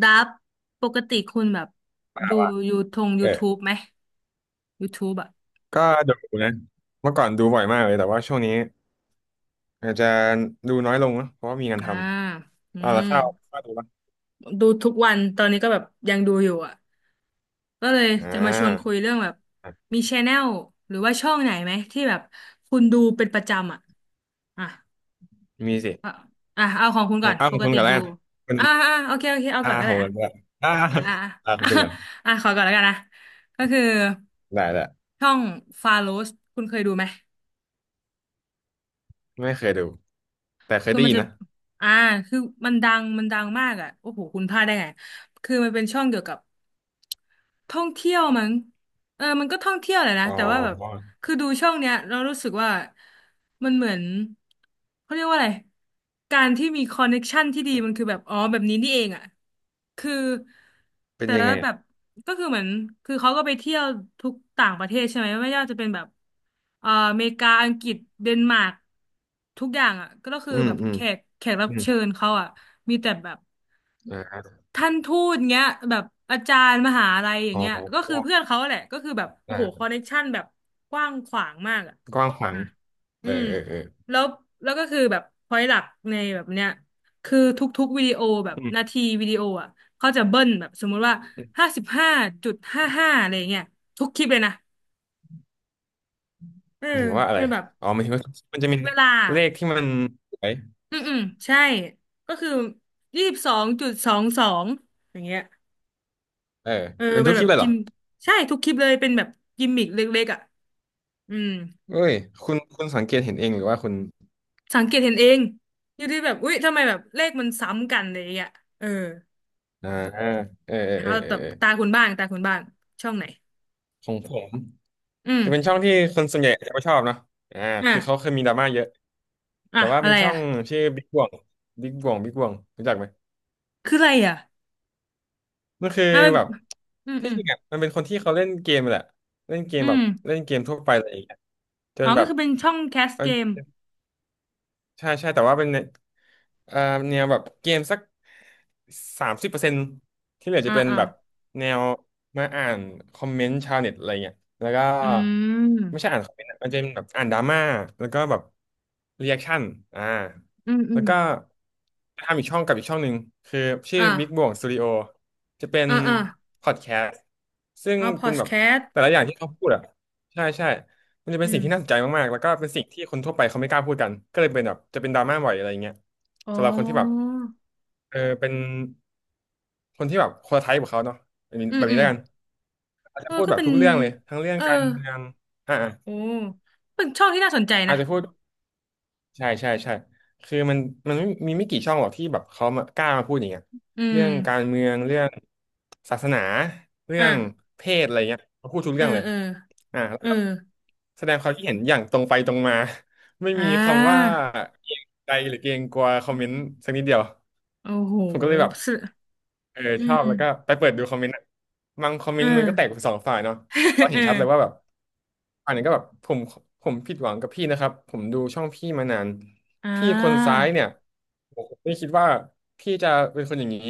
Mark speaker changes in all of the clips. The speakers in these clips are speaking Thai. Speaker 1: ดับปกติคุณแบบดู
Speaker 2: ว่า
Speaker 1: ยูทง
Speaker 2: เออ
Speaker 1: YouTube ไหม YouTube อ่ะ
Speaker 2: ก็ดูนะเมื่อก่อนดูบ่อยมากเลยแต่ว่าช่วงนี้อาจจะดูน้อยลงนะเพราะว่ามีงาน
Speaker 1: อ่า
Speaker 2: ท
Speaker 1: อื
Speaker 2: ำเอาละ
Speaker 1: ม
Speaker 2: ข้าวข้าวดูปะ
Speaker 1: ดูทุกวันตอนนี้ก็แบบยังดูอยู่อ่ะก็เลย
Speaker 2: อ่
Speaker 1: จะมาชวนคุย
Speaker 2: า
Speaker 1: เรื่องแบบ
Speaker 2: อ่ะ
Speaker 1: มีชแนลหรือว่าช่องไหนไหมที่แบบคุณดูเป็นประจำอ่ะอ่ะ
Speaker 2: มีสิ
Speaker 1: อ่ะอ่ะเอาของคุณ
Speaker 2: ขอ
Speaker 1: ก่อ
Speaker 2: ง
Speaker 1: น
Speaker 2: อ้าว
Speaker 1: ป
Speaker 2: ของ
Speaker 1: ก
Speaker 2: คุณ
Speaker 1: ติ
Speaker 2: กันแล้ว
Speaker 1: ดู
Speaker 2: กันคุณ
Speaker 1: อ่าอ่าโอเคโอเคเอา
Speaker 2: อา
Speaker 1: ก่อนก็
Speaker 2: ข
Speaker 1: ได้
Speaker 2: องกั
Speaker 1: อ่ะ
Speaker 2: นด้วยอ่า
Speaker 1: อ่า
Speaker 2: อาขอ
Speaker 1: อ่า
Speaker 2: งคุณกัน
Speaker 1: อ่ะขอก่อนแล้วกันนะก็คือ
Speaker 2: ได้ได้
Speaker 1: ช่องฟาโรสคุณเคยดูไหม
Speaker 2: ไม่เคยดูแต่เคย
Speaker 1: คือ
Speaker 2: ได้
Speaker 1: มัน
Speaker 2: ยิน
Speaker 1: จะ
Speaker 2: นะ
Speaker 1: อ่าคือมันดังมากอ่ะโอ้โหคุณพลาดได้ไง คือมันเป็นช่องเกี่ยวกับ ท่องเที่ยวมั้งเออมันก็ท่องเที่ยวแหละนะ
Speaker 2: อ๋อ
Speaker 1: แต่ว่าแบบคือดูช่องเนี้ยเรารู้สึกว่ามันเหมือนเขาเรียกว่าอะไรการที่มีคอนเน็กชันที่ดีมันคือแบบอ๋อแบบนี้นี่เองอ่ะคือ
Speaker 2: เป็น
Speaker 1: แต่
Speaker 2: ยัง
Speaker 1: ละ
Speaker 2: ไง
Speaker 1: แบ
Speaker 2: อ่ะ
Speaker 1: บก็คือเหมือนคือเขาก็ไปเที่ยวทุกต่างประเทศใช่ไหมไม่ว่าจะเป็นแบบอเมริกาอังกฤษเดนมาร์กทุกอย่างอ่ะก็คือ
Speaker 2: อืม
Speaker 1: แบบ
Speaker 2: อืม
Speaker 1: แขกรับ
Speaker 2: อืม
Speaker 1: เชิญเขาอ่ะมีแต่แบบ
Speaker 2: อ่า
Speaker 1: ท่านทูตเงี้ยแบบอาจารย์มหาลัยอย่า
Speaker 2: อ๋
Speaker 1: งเงี้ยก็คือ
Speaker 2: อ
Speaker 1: เพื่อนเขาแหละก็คือแบบโอ้
Speaker 2: อ่
Speaker 1: โหคอ
Speaker 2: า
Speaker 1: นเนคชั่นแบบกว้างขวางมากอ่ะ
Speaker 2: กว้างขวาง
Speaker 1: อ่ะ
Speaker 2: เอ
Speaker 1: อื
Speaker 2: อ
Speaker 1: ม
Speaker 2: เออเออ
Speaker 1: แล้วแล้วก็คือแบบพอยหลักในแบบเนี้ยคือทุกๆวิดีโอแบบ
Speaker 2: อืม
Speaker 1: นาทีวิดีโออ่ะเขาจะเบิ้ลแบบสมมุติว่า
Speaker 2: อืม
Speaker 1: ห้าสิบห้าจุดห้าห้าอะไรเงี้ยทุกคลิปเลยนะเออ
Speaker 2: หมายถึงว่าอะ
Speaker 1: เป็
Speaker 2: ไร
Speaker 1: นแบบ
Speaker 2: อ๋อหมายถึงว่ามันจะมี
Speaker 1: เวลา
Speaker 2: เลขที่มันสวย
Speaker 1: อืมอืมใช่ก็คือยี่สิบสองจุดสองสองอย่างเงี้ย
Speaker 2: เออ
Speaker 1: เออ
Speaker 2: เป็น
Speaker 1: เป็
Speaker 2: ทุ
Speaker 1: น
Speaker 2: กค
Speaker 1: แบ
Speaker 2: ลิป
Speaker 1: บ
Speaker 2: เลยเห
Speaker 1: กิ
Speaker 2: รอ
Speaker 1: มใช่ทุกคลิปเลยเป็นแบบกิมมิกเล็กๆอ่ะอืม
Speaker 2: เอ้ยคุณสังเกตเห็นเองหรือว่าคุณ
Speaker 1: สังเกตเห็นเองอยู่ที่แบบอุ๊ยทำไมแบบเลขมันซ้ำกันอะไรอย่างเงี้ยเออ
Speaker 2: อ่าเออเออเอ
Speaker 1: เอา
Speaker 2: อเออ
Speaker 1: แับ
Speaker 2: เออ
Speaker 1: ตาคุณบ้างตาคุณบ้างช่องไหน
Speaker 2: ของผม
Speaker 1: อืม
Speaker 2: จะเป็นช่องที่คนส่วนใหญ่จะไม่ชอบเนาะอ่า
Speaker 1: อ่ะ
Speaker 2: คือเขาเคยมีดราม่าเยอะ
Speaker 1: อ่ะ
Speaker 2: แต่ว่า
Speaker 1: อะ
Speaker 2: เป็น
Speaker 1: ไร
Speaker 2: ช่อ
Speaker 1: อ่ะ
Speaker 2: งชื่อบิ๊กบ่วงบิ๊กบ่วงบิ๊กบ่วงรู้จักไหม
Speaker 1: คืออะไรอ่ะ
Speaker 2: มันคือ
Speaker 1: อ่ะเป็น
Speaker 2: แบบ
Speaker 1: อืมอื
Speaker 2: ที่
Speaker 1: ม
Speaker 2: จริงอ่ะมันเป็นคนที่เขาเล่นเกมแหละเล่นเกม
Speaker 1: อื
Speaker 2: แบบ
Speaker 1: ม
Speaker 2: เล่นเกมทั่วไปอะไรอย่างเงี้ยจ
Speaker 1: อ๋
Speaker 2: น
Speaker 1: อ
Speaker 2: แบ
Speaker 1: ก็
Speaker 2: บ
Speaker 1: คือเป็นช่องแคสเกม
Speaker 2: ใช่ใช่แต่ว่าเป็นเอ่อแนวแบบเกมสัก30%ที่เหลือ
Speaker 1: อ่า
Speaker 2: จะเป็น
Speaker 1: อ่า
Speaker 2: แบบแนวมาอ่านคอมเมนต์ชาวเน็ตอะไรเงี้ยแล้วก็
Speaker 1: อื
Speaker 2: ไม่ใช่
Speaker 1: ม
Speaker 2: อ่านคอมเมนต์อะมันจะเป็นแบบอ่านดราม่าแล้วก็แบบรีแอคชั่นอ่า
Speaker 1: อืมอื
Speaker 2: แล้ว
Speaker 1: ม
Speaker 2: ก็ทำอีกช่องกับอีกช่องหนึ่งคือชื่อ
Speaker 1: อ่า
Speaker 2: Big Bang Studio จะเป็น
Speaker 1: อ่าอ่า
Speaker 2: พอดแคสต์ซึ่ง
Speaker 1: เอาพอ
Speaker 2: เป็น
Speaker 1: ด
Speaker 2: แบบ
Speaker 1: แคสต์
Speaker 2: แต่ละอย่างที่เขาพูดอ่ะใช่ใช่ มันจะเป็น
Speaker 1: อื
Speaker 2: สิ่
Speaker 1: ม
Speaker 2: งที่น่าสนใจมากๆ แล้วก็เป็นสิ่งที่คนทั่วไปเขาไม่กล้าพูดกันก็เลยเป็นแบบจะเป็นดราม่าบ่อยอะไรอย่างเงี้ย
Speaker 1: อ๋อ
Speaker 2: สำหรับคนที่แบบเออเป็นคนที่แบบคนละไทป์กับเขาเนาะแบบนี้
Speaker 1: อื
Speaker 2: แบ
Speaker 1: ม
Speaker 2: บ
Speaker 1: อื
Speaker 2: นี้
Speaker 1: ม
Speaker 2: แล้วกันอาจ
Speaker 1: เอ
Speaker 2: จะ
Speaker 1: อ
Speaker 2: พูด
Speaker 1: ก็
Speaker 2: แบบ
Speaker 1: เป็น
Speaker 2: ทุกเรื่องเลยทั้งเรื่อง
Speaker 1: เออ
Speaker 2: การเมืองอ่า
Speaker 1: โอ้เป็นช่องที่น่าสนใจ
Speaker 2: อา
Speaker 1: นะ
Speaker 2: จจะพูด ใช่ใช่ใช่คือมันไม่มีไม่กี่ช่องหรอกที่แบบเขามากล้ามาพูดอย่างเงี้ย
Speaker 1: อื
Speaker 2: เรื่
Speaker 1: ม
Speaker 2: องการเมืองเรื่องศาสนาเรื่
Speaker 1: อ่ะ
Speaker 2: องเพศอะไรเงี้ยเขาพูดทุก
Speaker 1: เออ
Speaker 2: เรื่องเลย
Speaker 1: เออ
Speaker 2: อ่าแล้ว
Speaker 1: เออ
Speaker 2: ก็แสดงความคิดเห็นอย่างตรงไปตรงมา ไม่
Speaker 1: อ่
Speaker 2: มีคำว่า
Speaker 1: า
Speaker 2: เกรงใจหรือเกรงกลัวคอ
Speaker 1: อื
Speaker 2: มเมน
Speaker 1: ม
Speaker 2: ต์สักนิดเดียว
Speaker 1: โอ้โห
Speaker 2: ผมก็เลยแบบ
Speaker 1: ส
Speaker 2: เออ
Speaker 1: อื
Speaker 2: ชอ
Speaker 1: ม
Speaker 2: บแล้วก็ไปเปิดดูคอมเมนต์อะบางคอมเม
Speaker 1: เออ
Speaker 2: นต์มั นก็แตกเป็นสองฝ่ายเนาะ
Speaker 1: เ
Speaker 2: เรา
Speaker 1: อ
Speaker 2: เห็นชัดเลยว่า
Speaker 1: อ
Speaker 2: แบบอันนี้ก็แบบผมผิดหวังกับพี่นะครับผมดูช่องพี่มานาน
Speaker 1: อ่
Speaker 2: พี่คนซ้า
Speaker 1: า
Speaker 2: ยเนี่ยผมไม่คิดว่าพี่จะเป็นคนอย่างนี้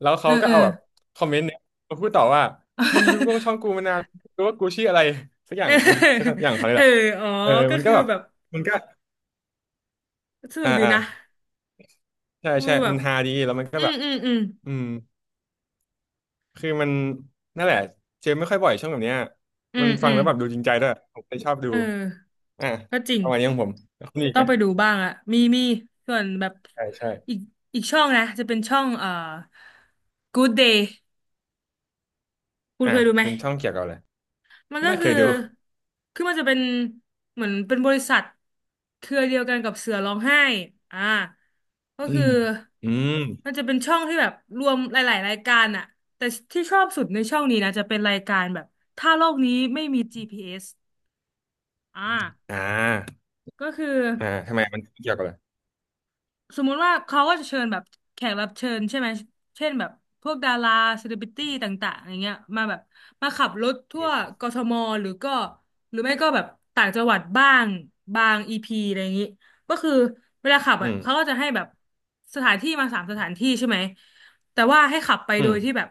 Speaker 2: แล้ว
Speaker 1: เอ
Speaker 2: เขา
Speaker 1: อ
Speaker 2: ก็
Speaker 1: เออ
Speaker 2: เอาแบบคอมเมนต์เนี่ยมาพูดต่อว่ามึงดูกล้องช่อ งกูมานานรู้ว่ากูชื่ออะไรสักอ
Speaker 1: เ
Speaker 2: ย่างกูสัก
Speaker 1: ออ
Speaker 2: อย่างเขาเนย
Speaker 1: เอ
Speaker 2: แห
Speaker 1: อ
Speaker 2: ละ
Speaker 1: อ๋อ
Speaker 2: เออ
Speaker 1: ก็
Speaker 2: มันก็
Speaker 1: คือ
Speaker 2: แบบ
Speaker 1: แบบ
Speaker 2: มันก็
Speaker 1: สนุ
Speaker 2: อ่า
Speaker 1: กดี
Speaker 2: อ่า
Speaker 1: นะ
Speaker 2: ใช่
Speaker 1: กู
Speaker 2: ใช่
Speaker 1: แบ
Speaker 2: มั
Speaker 1: บ
Speaker 2: นฮาดีแล้วมันก็
Speaker 1: อื
Speaker 2: แบ
Speaker 1: ม
Speaker 2: บ
Speaker 1: อืมอืม
Speaker 2: อืมคือมันนั่นแหละเจอไม่ค่อยบ่อยช่องแบบเนี้ย
Speaker 1: อื
Speaker 2: มัน
Speaker 1: ม
Speaker 2: ฟั
Speaker 1: อื
Speaker 2: ง
Speaker 1: ม
Speaker 2: แล้วแบบดูจริงใจด้วยผมเลยชอบดู
Speaker 1: เออ
Speaker 2: อ่ะ
Speaker 1: ก็จริง
Speaker 2: ประมาณนี้ของผมแล้วคุณมีอีก
Speaker 1: ต้อ
Speaker 2: ไหม
Speaker 1: งไปดูบ้างอะมีส่วนแบบ
Speaker 2: ใช่ใช่
Speaker 1: อีกอีกช่องนะจะเป็นช่องGood Day คุณ
Speaker 2: อ่ะ
Speaker 1: เคยดูไหม
Speaker 2: เป็นช่องเกี่ยวกับอะไร
Speaker 1: มันก็
Speaker 2: ไม่เค
Speaker 1: คือ
Speaker 2: ยดู
Speaker 1: คือมันจะเป็นเหมือนเป็นบริษัท เครือเดียวกันกับเสือร้องไห้อ่าก็
Speaker 2: อื
Speaker 1: คือ
Speaker 2: มอืม
Speaker 1: มันจะเป็นช่องที่แบบรวมหลายๆรายการอะแต่ที่ชอบสุดในช่องนี้นะจะเป็นรายการแบบถ้าโลกนี้ไม่มี GPS อสอ่า
Speaker 2: อ่า
Speaker 1: ก็คือ
Speaker 2: อ่าทำไมมันเกี่ยวกับอะไร
Speaker 1: สมมุติว่าเขาก็จะเชิญแบบแขกรับเชิญใช่ไหมเช่นแบบพวกดาราเซเลบริตี้ต่างๆอย่างเงี้ยมาแบบมาขับรถทั่วกทมหรือก็หรือไม่ก็แบบต่างจังหวัดบ้างบางอีพีอะไรอย่างงี้ก็คือเวลาขับ
Speaker 2: อื
Speaker 1: อ่ะเขาก็
Speaker 2: ม
Speaker 1: จะให้แบบสถานที่มาสามสถานที่ใช่ไหมแต่ว่าให้ขับไป
Speaker 2: อื
Speaker 1: โด
Speaker 2: ม
Speaker 1: ยที่แบบ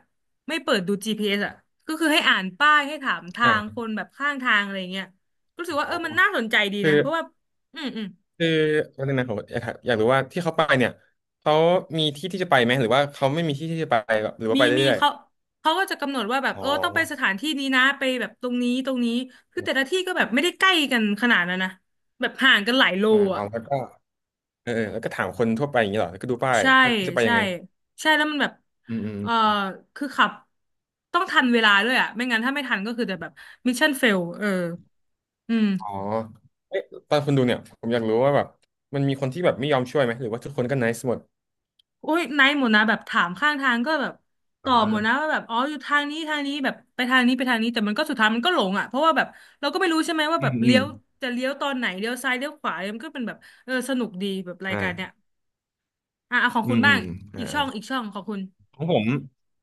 Speaker 1: ไม่เปิดดูจ GPS อสอ่ะก็คือให้อ่านป้ายให้ถามทา
Speaker 2: อ่
Speaker 1: ง
Speaker 2: า
Speaker 1: คนแบบข้างทางอะไรอย่างเงี้ยรู้สึกว่า
Speaker 2: โอ้
Speaker 1: เออมันน่าสนใจดี
Speaker 2: คือ
Speaker 1: นะเพราะว่าอืมอืม
Speaker 2: คือวันนึงนะผมอยากถามอยากรู้ว่าที่เขาไปเนี่ยเขามีที่ที่จะไปไหมหรือว่าเขาไม่มีที่ที่จะไปหรือว่าไป
Speaker 1: มี
Speaker 2: เรื่อย
Speaker 1: เขาก็จะกำหนดว่าแบบ
Speaker 2: ๆอ๋
Speaker 1: เอ
Speaker 2: อ
Speaker 1: อต้องไปสถานที่นี้นะไปแบบตรงนี้คือแต่ละที่ก็แบบไม่ได้ใกล้กันขนาดนั้นนะแบบห่างกันหลายโล
Speaker 2: อ่าอ๋
Speaker 1: อ่ะ
Speaker 2: อแล้วก็เออเออแล้วก็ถามคนทั่วไปอย่างนี้เหรอแล้วก็ดูป้าย
Speaker 1: ใช่
Speaker 2: ว่าจะไปยั
Speaker 1: ใช่
Speaker 2: งไง
Speaker 1: ใช่แล้วมันแบบ
Speaker 2: อื
Speaker 1: เออ
Speaker 2: ม
Speaker 1: คือขับต้องทันเวลาด้วยอ่ะไม่งั้นถ้าไม่ทันก็คือจะแบบมิชชั่นเฟลเอออืม
Speaker 2: อ๋อเอ๊ะตอนคุณดูเนี่ยผมอยากรู้ว่าแบบมันมีคนที่แบบไม่ยอมช่วยไหมหรือว่าทุกคนก็ n i c e หมด
Speaker 1: อุ้ยไนท์หมดนะแบบถามข้างทางก็แบบตอบหมดนะ
Speaker 2: อ่า
Speaker 1: ว่าแบบอ๋ออยู่ทางนี้แบบไปทางนี้ไปทางนี้แต่มันก็สุดท้ายมันก็หลงอ่ะเพราะว่าแบบเราก็ไม่รู้ใช่ไหมว่า
Speaker 2: อื
Speaker 1: แบบ
Speaker 2: มอื
Speaker 1: เลี้ย
Speaker 2: ม
Speaker 1: วจะเลี้ยวตอนไหนเลี้ยวซ้ายเลี้ยวขวามันก็เป็นแบบเออสนุกดีแบบราย
Speaker 2: อ่
Speaker 1: การเนี้ย
Speaker 2: า
Speaker 1: อ่ะเอาของ
Speaker 2: อื
Speaker 1: คุณ
Speaker 2: มอื
Speaker 1: บ้าง
Speaker 2: มอ่า
Speaker 1: อี
Speaker 2: อ่า
Speaker 1: กช่องของคุณ
Speaker 2: ของผม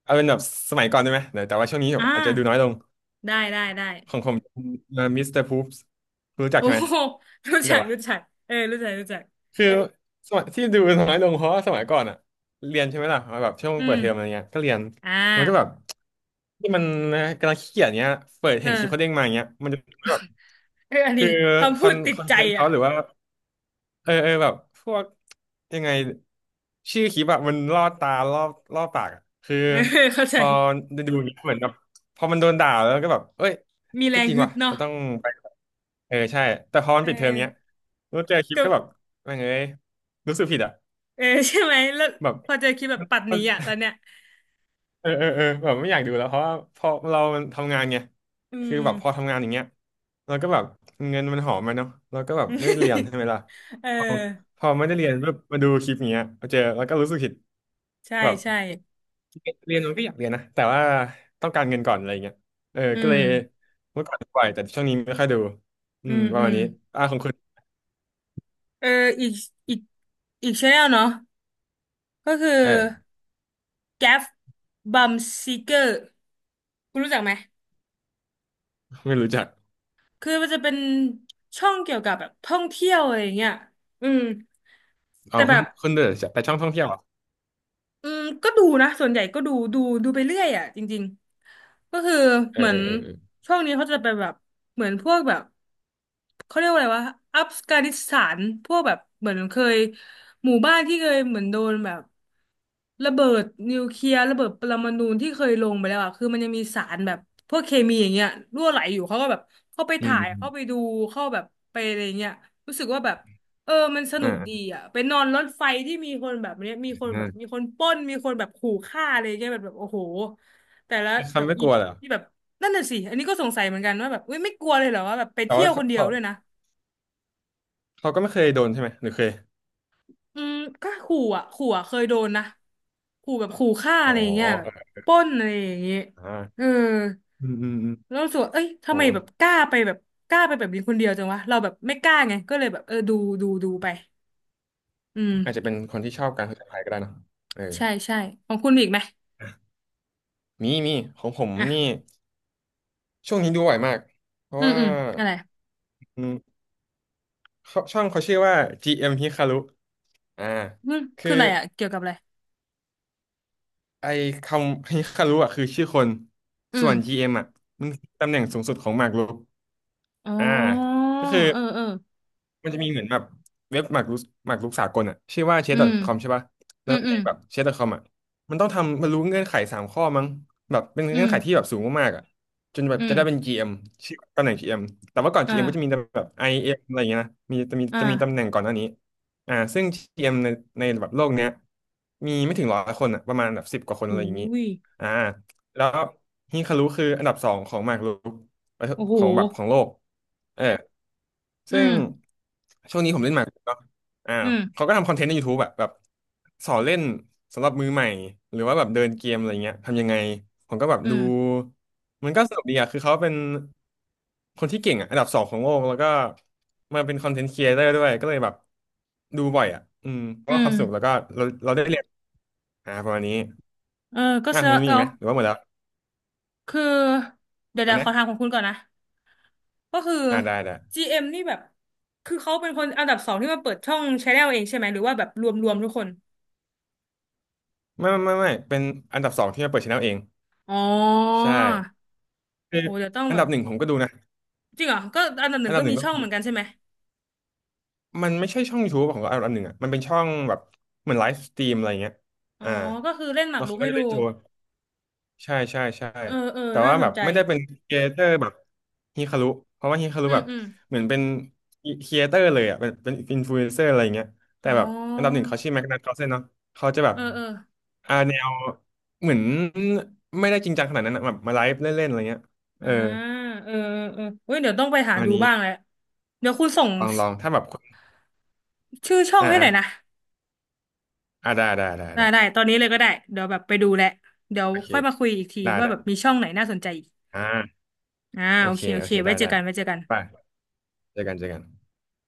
Speaker 2: เอาเป็นแบบสมัยก่อนได้ไหมเดี๋ยวแต่ว่าช่วงนี้แบบ
Speaker 1: อ่า
Speaker 2: อาจจะดูน้อยลง
Speaker 1: ได้ได้ได้
Speaker 2: ของผมมิสเตอร์พูปส์รู้จัก
Speaker 1: โอ้
Speaker 2: ใช่ไหม
Speaker 1: โหรู้
Speaker 2: รู้
Speaker 1: จั
Speaker 2: จัก
Speaker 1: ก
Speaker 2: ปะ
Speaker 1: รู้จักเออรู้จักรู้จัก
Speaker 2: คือสมัยที่ดูน้อยลงเพราะว่าสมัยก่อนอะ เรียนใช่ไหมล่ะแบบช่วง
Speaker 1: อื
Speaker 2: เปิ
Speaker 1: ม
Speaker 2: ดเทอมอะไรเงี้ยก็เรียน
Speaker 1: อ่
Speaker 2: มันก็แบบ
Speaker 1: า
Speaker 2: ที่มันกำลังขี้เกียจเงี้ยเปิด
Speaker 1: เอ
Speaker 2: เห็นคลิปเขาเด้
Speaker 1: อ
Speaker 2: งมาอย่างเงี้ยมันจะแบบ
Speaker 1: เอออัน
Speaker 2: คื
Speaker 1: นี้
Speaker 2: อ
Speaker 1: คำ
Speaker 2: ค
Speaker 1: พู
Speaker 2: อ
Speaker 1: ด
Speaker 2: น
Speaker 1: ติ
Speaker 2: ค
Speaker 1: ด
Speaker 2: อน
Speaker 1: ใจ
Speaker 2: เทนต์เขา
Speaker 1: อ่ะ
Speaker 2: หรือว่า เออเออแบบพวกยังไงชื่อคลิปอะมันล่อตาล่อปากอะคือ
Speaker 1: เออเข้า
Speaker 2: พ
Speaker 1: ใจ
Speaker 2: อดูอย่างเงี้ยเหมือนแบบพอมันโดนด่าแล้วก็แบบเอ้ย
Speaker 1: มีแร
Speaker 2: ก็
Speaker 1: ง
Speaker 2: จริง
Speaker 1: ฮึด
Speaker 2: ว่ะเรา
Speaker 1: เนาะ
Speaker 2: ต้องไปเออใช่แต่พอมันปิดเทอมเงี้ย
Speaker 1: เอ
Speaker 2: แล้วเจอคลิปก็แบบ
Speaker 1: อ
Speaker 2: แม่งเอ้ยรู้สึกผิดอ่ะ
Speaker 1: เออใช่ไหมแล้ว
Speaker 2: แบบ
Speaker 1: พอเจอคลิปแบบปัดห
Speaker 2: มั
Speaker 1: นี
Speaker 2: น
Speaker 1: อ่ะตอนเนี้ย
Speaker 2: เออแบบไม่อยากดูแล้วเพราะว่าพอเรามันทำงานไง
Speaker 1: อื
Speaker 2: คือ
Speaker 1: ม
Speaker 2: แบบพอทำงานอย่างเงี้ยเราก็แบบเงินมันหอมมาเนาะเราก็แบบไม่ได้เรียนใช่ ไหมล่ะ
Speaker 1: เออ
Speaker 2: พอพอไม่ได้เรียนปุ๊บมาดูคลิปอย่างเงี้ยมาเจอแล้วก็รู้สึกผิด
Speaker 1: ใช่
Speaker 2: แบบ
Speaker 1: ใช่
Speaker 2: ก็อยากเรียนนะแต่ว่าต้องการเงินก่อนอะไรเงี้ยเออ
Speaker 1: อื
Speaker 2: ก็
Speaker 1: ม
Speaker 2: เลยเมื่อก่อนปล่อยแต่ช่วงนี้ไม่ค่อยดูอื
Speaker 1: อื
Speaker 2: ม
Speaker 1: ม
Speaker 2: ป
Speaker 1: อื
Speaker 2: ระมาณ
Speaker 1: ม
Speaker 2: นี้อ่าของคุณ
Speaker 1: เอออีกอีกอีกชแนลเนาะก็คือ
Speaker 2: เออ
Speaker 1: Gaff Bum Seeker คุณรู้จักไหม
Speaker 2: ไม่รู้จัก
Speaker 1: คือมันจะเป็นช่องเกี่ยวกับแบบท่องเที่ยวอะไรอย่างเงี้ยอืม
Speaker 2: อ๋อ
Speaker 1: แต่แบ
Speaker 2: คุณ
Speaker 1: บ
Speaker 2: คุณเดอแต่ช่องท่องเที่ยวเหรอ
Speaker 1: อืมก็ดูนะส่วนใหญ่ก็ดูดูไปเรื่อยอ่ะจริงๆก็คือ
Speaker 2: เออ
Speaker 1: เหมือ
Speaker 2: เอ
Speaker 1: น
Speaker 2: อเออเออ
Speaker 1: ช่องนี้เขาจะไปแบบเหมือนพวกแบบ เขาเรียกว่าอะไรวะอัฟกานิสถานพวกแบบเหมือนเคยหมู่บ้านที่เคยเหมือนโดนแบบระเบิดนิวเคลียร์ระเบิดปรมาณูที่เคยลงไปแล้วอะคือมันยังมีสารแบบพวกเคมีอย่างเงี้ยรั่วไหลอยู่เขาก็แบบเข้าไป
Speaker 2: อื
Speaker 1: ถ่ายเข้าไป
Speaker 2: ม
Speaker 1: ดูเข้าแบบไปอะไรเงี้ยรู้สึกว่าแบบเออมันส
Speaker 2: อมอ่
Speaker 1: นุกดี
Speaker 2: า
Speaker 1: อ่ะไปนอนรถไฟที่มีคนแบบเนี้ยมีคนแบบมี
Speaker 2: อ่า
Speaker 1: คนปล้นมีคนแบบขู่ฆ่าอะไรเงี้ยแบบโอ้โหแต่ละ
Speaker 2: คือ
Speaker 1: แบ
Speaker 2: เขา
Speaker 1: บ
Speaker 2: ไม่
Speaker 1: อี
Speaker 2: กลัว
Speaker 1: พี
Speaker 2: เหรอ
Speaker 1: ที่แบบ นั่นน่ะสิอันนี้ก็สงสัยเหมือนกันว่าแบบเว้ยไม่กลัวเลยเหรอว่าแบบไป
Speaker 2: แต่
Speaker 1: เที่ย
Speaker 2: ว่า
Speaker 1: วค
Speaker 2: เขา
Speaker 1: นเดียว
Speaker 2: เขา
Speaker 1: ด้วยนะ
Speaker 2: เขาก็ไม่เคยโดนใช่ไหมหรือเคย
Speaker 1: อืมก็ขู่อ่ะเคยโดนนะขู่แบบขู่ฆ่า
Speaker 2: อ๋
Speaker 1: อะไรอย่างเงี้ยแบบ
Speaker 2: อ
Speaker 1: ปล้นอะไรอย่างเงี้ยเออ
Speaker 2: อ่าอืมอืมอืม
Speaker 1: แล้วรู้สึกว่าเอ้ย
Speaker 2: โห
Speaker 1: ทำไมแบบกล้าไปแบบกล้าไปแบบนี้คนเดียวจังวะเราแบบไม่กล้าไงก็เลยแบบเออดูดูไปอื
Speaker 2: อาจจะ
Speaker 1: ม
Speaker 2: เป็นคนที่ชอบการผจญภัยก็ได้เนอะเออ
Speaker 1: ใช่ใช่ของคุณมีอีกไหม
Speaker 2: มีของผม
Speaker 1: อ่ะ
Speaker 2: นี่ช่วงนี้ดูบ่อยมาก เพราะ
Speaker 1: อืม
Speaker 2: ว่า
Speaker 1: อืมอะไร
Speaker 2: อืมเขาช่องเขาชื่อว่า GM Hikaru อ่า
Speaker 1: อืมคื
Speaker 2: คื
Speaker 1: อ
Speaker 2: อ
Speaker 1: อะไรอ่ะเกี่ยวกับอะไร
Speaker 2: ไอคำ Hikaru อ่ะคือชื่อคน
Speaker 1: อื
Speaker 2: ส่
Speaker 1: ม
Speaker 2: วน GM อมอ่ะมันคือตำแหน่งสูงสุดของหมากรุก
Speaker 1: อ๋อ
Speaker 2: อ่าก็คือ
Speaker 1: เออเออ
Speaker 2: มันจะมีเหมือนแบบเว็บหมากรุกสากลอ่ะชื่อว่า c h
Speaker 1: อื
Speaker 2: ดอท
Speaker 1: ม
Speaker 2: c o m ใช่ป่ะ
Speaker 1: อื
Speaker 2: แล้ว
Speaker 1: มอื
Speaker 2: ใน
Speaker 1: ม
Speaker 2: แบบ chess.com อทคอมอ่ะมันต้องทำมัรู้เงื่อนไข3 ข้อมั้งแบบเป็น
Speaker 1: อื
Speaker 2: เงื่อ
Speaker 1: ม
Speaker 2: นไขที่แบบสูงมากๆอ่ะจนแบบ
Speaker 1: อื
Speaker 2: จะ
Speaker 1: ม
Speaker 2: ได้เป็น GM ชื่อตำแหน่ง GM แต่ว่าก่อน
Speaker 1: อ่า
Speaker 2: GM ก็จะมีแบบไอ m อมอะไรอย่างเงี้ยนะมีจะมี
Speaker 1: อ่า
Speaker 2: จะมีตำแหน่งก่อนหน้านี้อ่าซึ่ง GM ในแบบโลกเนี้ยมีไม่ถึง100 คนอ่ะประมาณแบบ10 กว่าคนอะ
Speaker 1: หู
Speaker 2: ไรอย่างงี้
Speaker 1: ย
Speaker 2: อ่าแล้วฮิคารุคืออันดับสองของหมากรุก ประเทศ
Speaker 1: โอ้โห
Speaker 2: ของแบบของโลกเออ
Speaker 1: อื
Speaker 2: ซึ่ง
Speaker 1: ม
Speaker 2: ช่วงนี้ผมเล่นหมากรุกเนาะอ่า
Speaker 1: อืม
Speaker 2: เขาก็ทำคอนเทนต์ใน YouTube แบบสอนเล่นสำหรับมือใหม่หรือว่าแบบเดินเกมอะไรเงี้ยทำยังไงผมก็แบบ
Speaker 1: อื
Speaker 2: ดู
Speaker 1: ม
Speaker 2: มันก็สนุกดีอะคือเขาเป็นคนที่เก่งอะอันดับสองของโลกแล้วก็มาเป็นคอนเทนต์ครีเอเตอร์ด้วยก็เลยแบบดูบ่อยอะอืมเพ
Speaker 1: อื
Speaker 2: ราะว่าค
Speaker 1: ม
Speaker 2: วามสนุกแล้วก็เราได้เรียนอ่าประมาณนี้
Speaker 1: เออก็
Speaker 2: อ่ะ
Speaker 1: เสี
Speaker 2: คุ
Speaker 1: ย
Speaker 2: ณมี
Speaker 1: แอ้
Speaker 2: อีกไหมหรือว่าหมดแล้ว
Speaker 1: คือ เดี๋ยว
Speaker 2: อ่ะ
Speaker 1: เดี๋ยวข
Speaker 2: นะ
Speaker 1: อถามของคุณก่อนนะ ก็คือ
Speaker 2: อ่าได้ได้
Speaker 1: GM นี่แบบคือเขาเป็นคนอันดับสองที่มาเปิดช่องชาแนลเองใช่ไหม หรือว่าแบบรวมทุกคน
Speaker 2: ไม่เป็นอันดับสองที่มาเปิดช anel เอง
Speaker 1: อ๋อ
Speaker 2: ใช่คือ
Speaker 1: โหเดี๋ยวต้อง
Speaker 2: อัน
Speaker 1: แบบ
Speaker 2: ดับหนึ่งผมก็ดูนะ
Speaker 1: จริงเหรอก็อันดับห
Speaker 2: อั
Speaker 1: นึ่
Speaker 2: น
Speaker 1: ง
Speaker 2: ดั
Speaker 1: ก็
Speaker 2: บหนึ่
Speaker 1: มี
Speaker 2: งก็
Speaker 1: ช่อง
Speaker 2: มี
Speaker 1: เหมือนกันใช่ไหม
Speaker 2: มันไม่ใช่ช่อง YouTube ของอันดับหนึ่งอ่ะมันเป็นช่องแบบเหมือนไลฟ์สตรีมอะไรเงี้ย
Speaker 1: อ๋อ
Speaker 2: อ่า
Speaker 1: ก็คือเล่นหมาก
Speaker 2: แล้ว
Speaker 1: รุ
Speaker 2: เขา
Speaker 1: ก
Speaker 2: ก็
Speaker 1: ให้
Speaker 2: จะ
Speaker 1: ดู
Speaker 2: เล่นโชว์ใช่
Speaker 1: เออเออ
Speaker 2: แต่
Speaker 1: น่า
Speaker 2: ว่า
Speaker 1: ส
Speaker 2: แบ
Speaker 1: น
Speaker 2: บ
Speaker 1: ใจ
Speaker 2: ไม่ได้เป็นครีเอเตอร์แบบฮิคารุเพราะว่าฮิคารุ
Speaker 1: อื
Speaker 2: แบ
Speaker 1: ม
Speaker 2: บ
Speaker 1: อืม
Speaker 2: เหมือนเป็นครีเอเตอร์เลยอ่ะเป็นอินฟลูเอนเซอร์อะไรเงี้ยแต่
Speaker 1: อ๋
Speaker 2: แบบอันดับห
Speaker 1: อ
Speaker 2: นึ่งเขาชื่อแม็กนัทคาร์ลเซนเนาะเขาจะแบบ
Speaker 1: เออเออ
Speaker 2: อ่าแนวเหมือนไม่ได้จริงจังขนาดนั้นอะแบบมาไลฟ์เล่นๆอะไรเงี้ยเอ
Speaker 1: อ่า
Speaker 2: อ
Speaker 1: เออเออเออเว้ยเดี๋ยวต้องไปหา
Speaker 2: วัน
Speaker 1: ดู
Speaker 2: นี้
Speaker 1: บ้างแหละเดี๋ยวคุณส่ง
Speaker 2: ลองถ้าแบบ
Speaker 1: ชื่อช่อง
Speaker 2: อ่า
Speaker 1: ให้ห
Speaker 2: อ่า
Speaker 1: น่อยนะ
Speaker 2: อ่าได้ได้ได้
Speaker 1: ได้
Speaker 2: ได้
Speaker 1: ได้ตอนนี้เลยก็ได้ เดี๋ยวแบบไปดูแหละเดี๋ยว
Speaker 2: โอเค
Speaker 1: ค่อยมาคุยอีกที
Speaker 2: ได้
Speaker 1: ว่า
Speaker 2: ได้
Speaker 1: แบบมีช่องไหนน่าสนใจอีก
Speaker 2: อ่า
Speaker 1: อ่า
Speaker 2: โอ
Speaker 1: โอ
Speaker 2: เค
Speaker 1: เคโอ
Speaker 2: โอ
Speaker 1: เค
Speaker 2: เค
Speaker 1: ไว้
Speaker 2: ได้
Speaker 1: เจอ
Speaker 2: ได้
Speaker 1: กันไว้เจอกัน
Speaker 2: ไปเจอกัน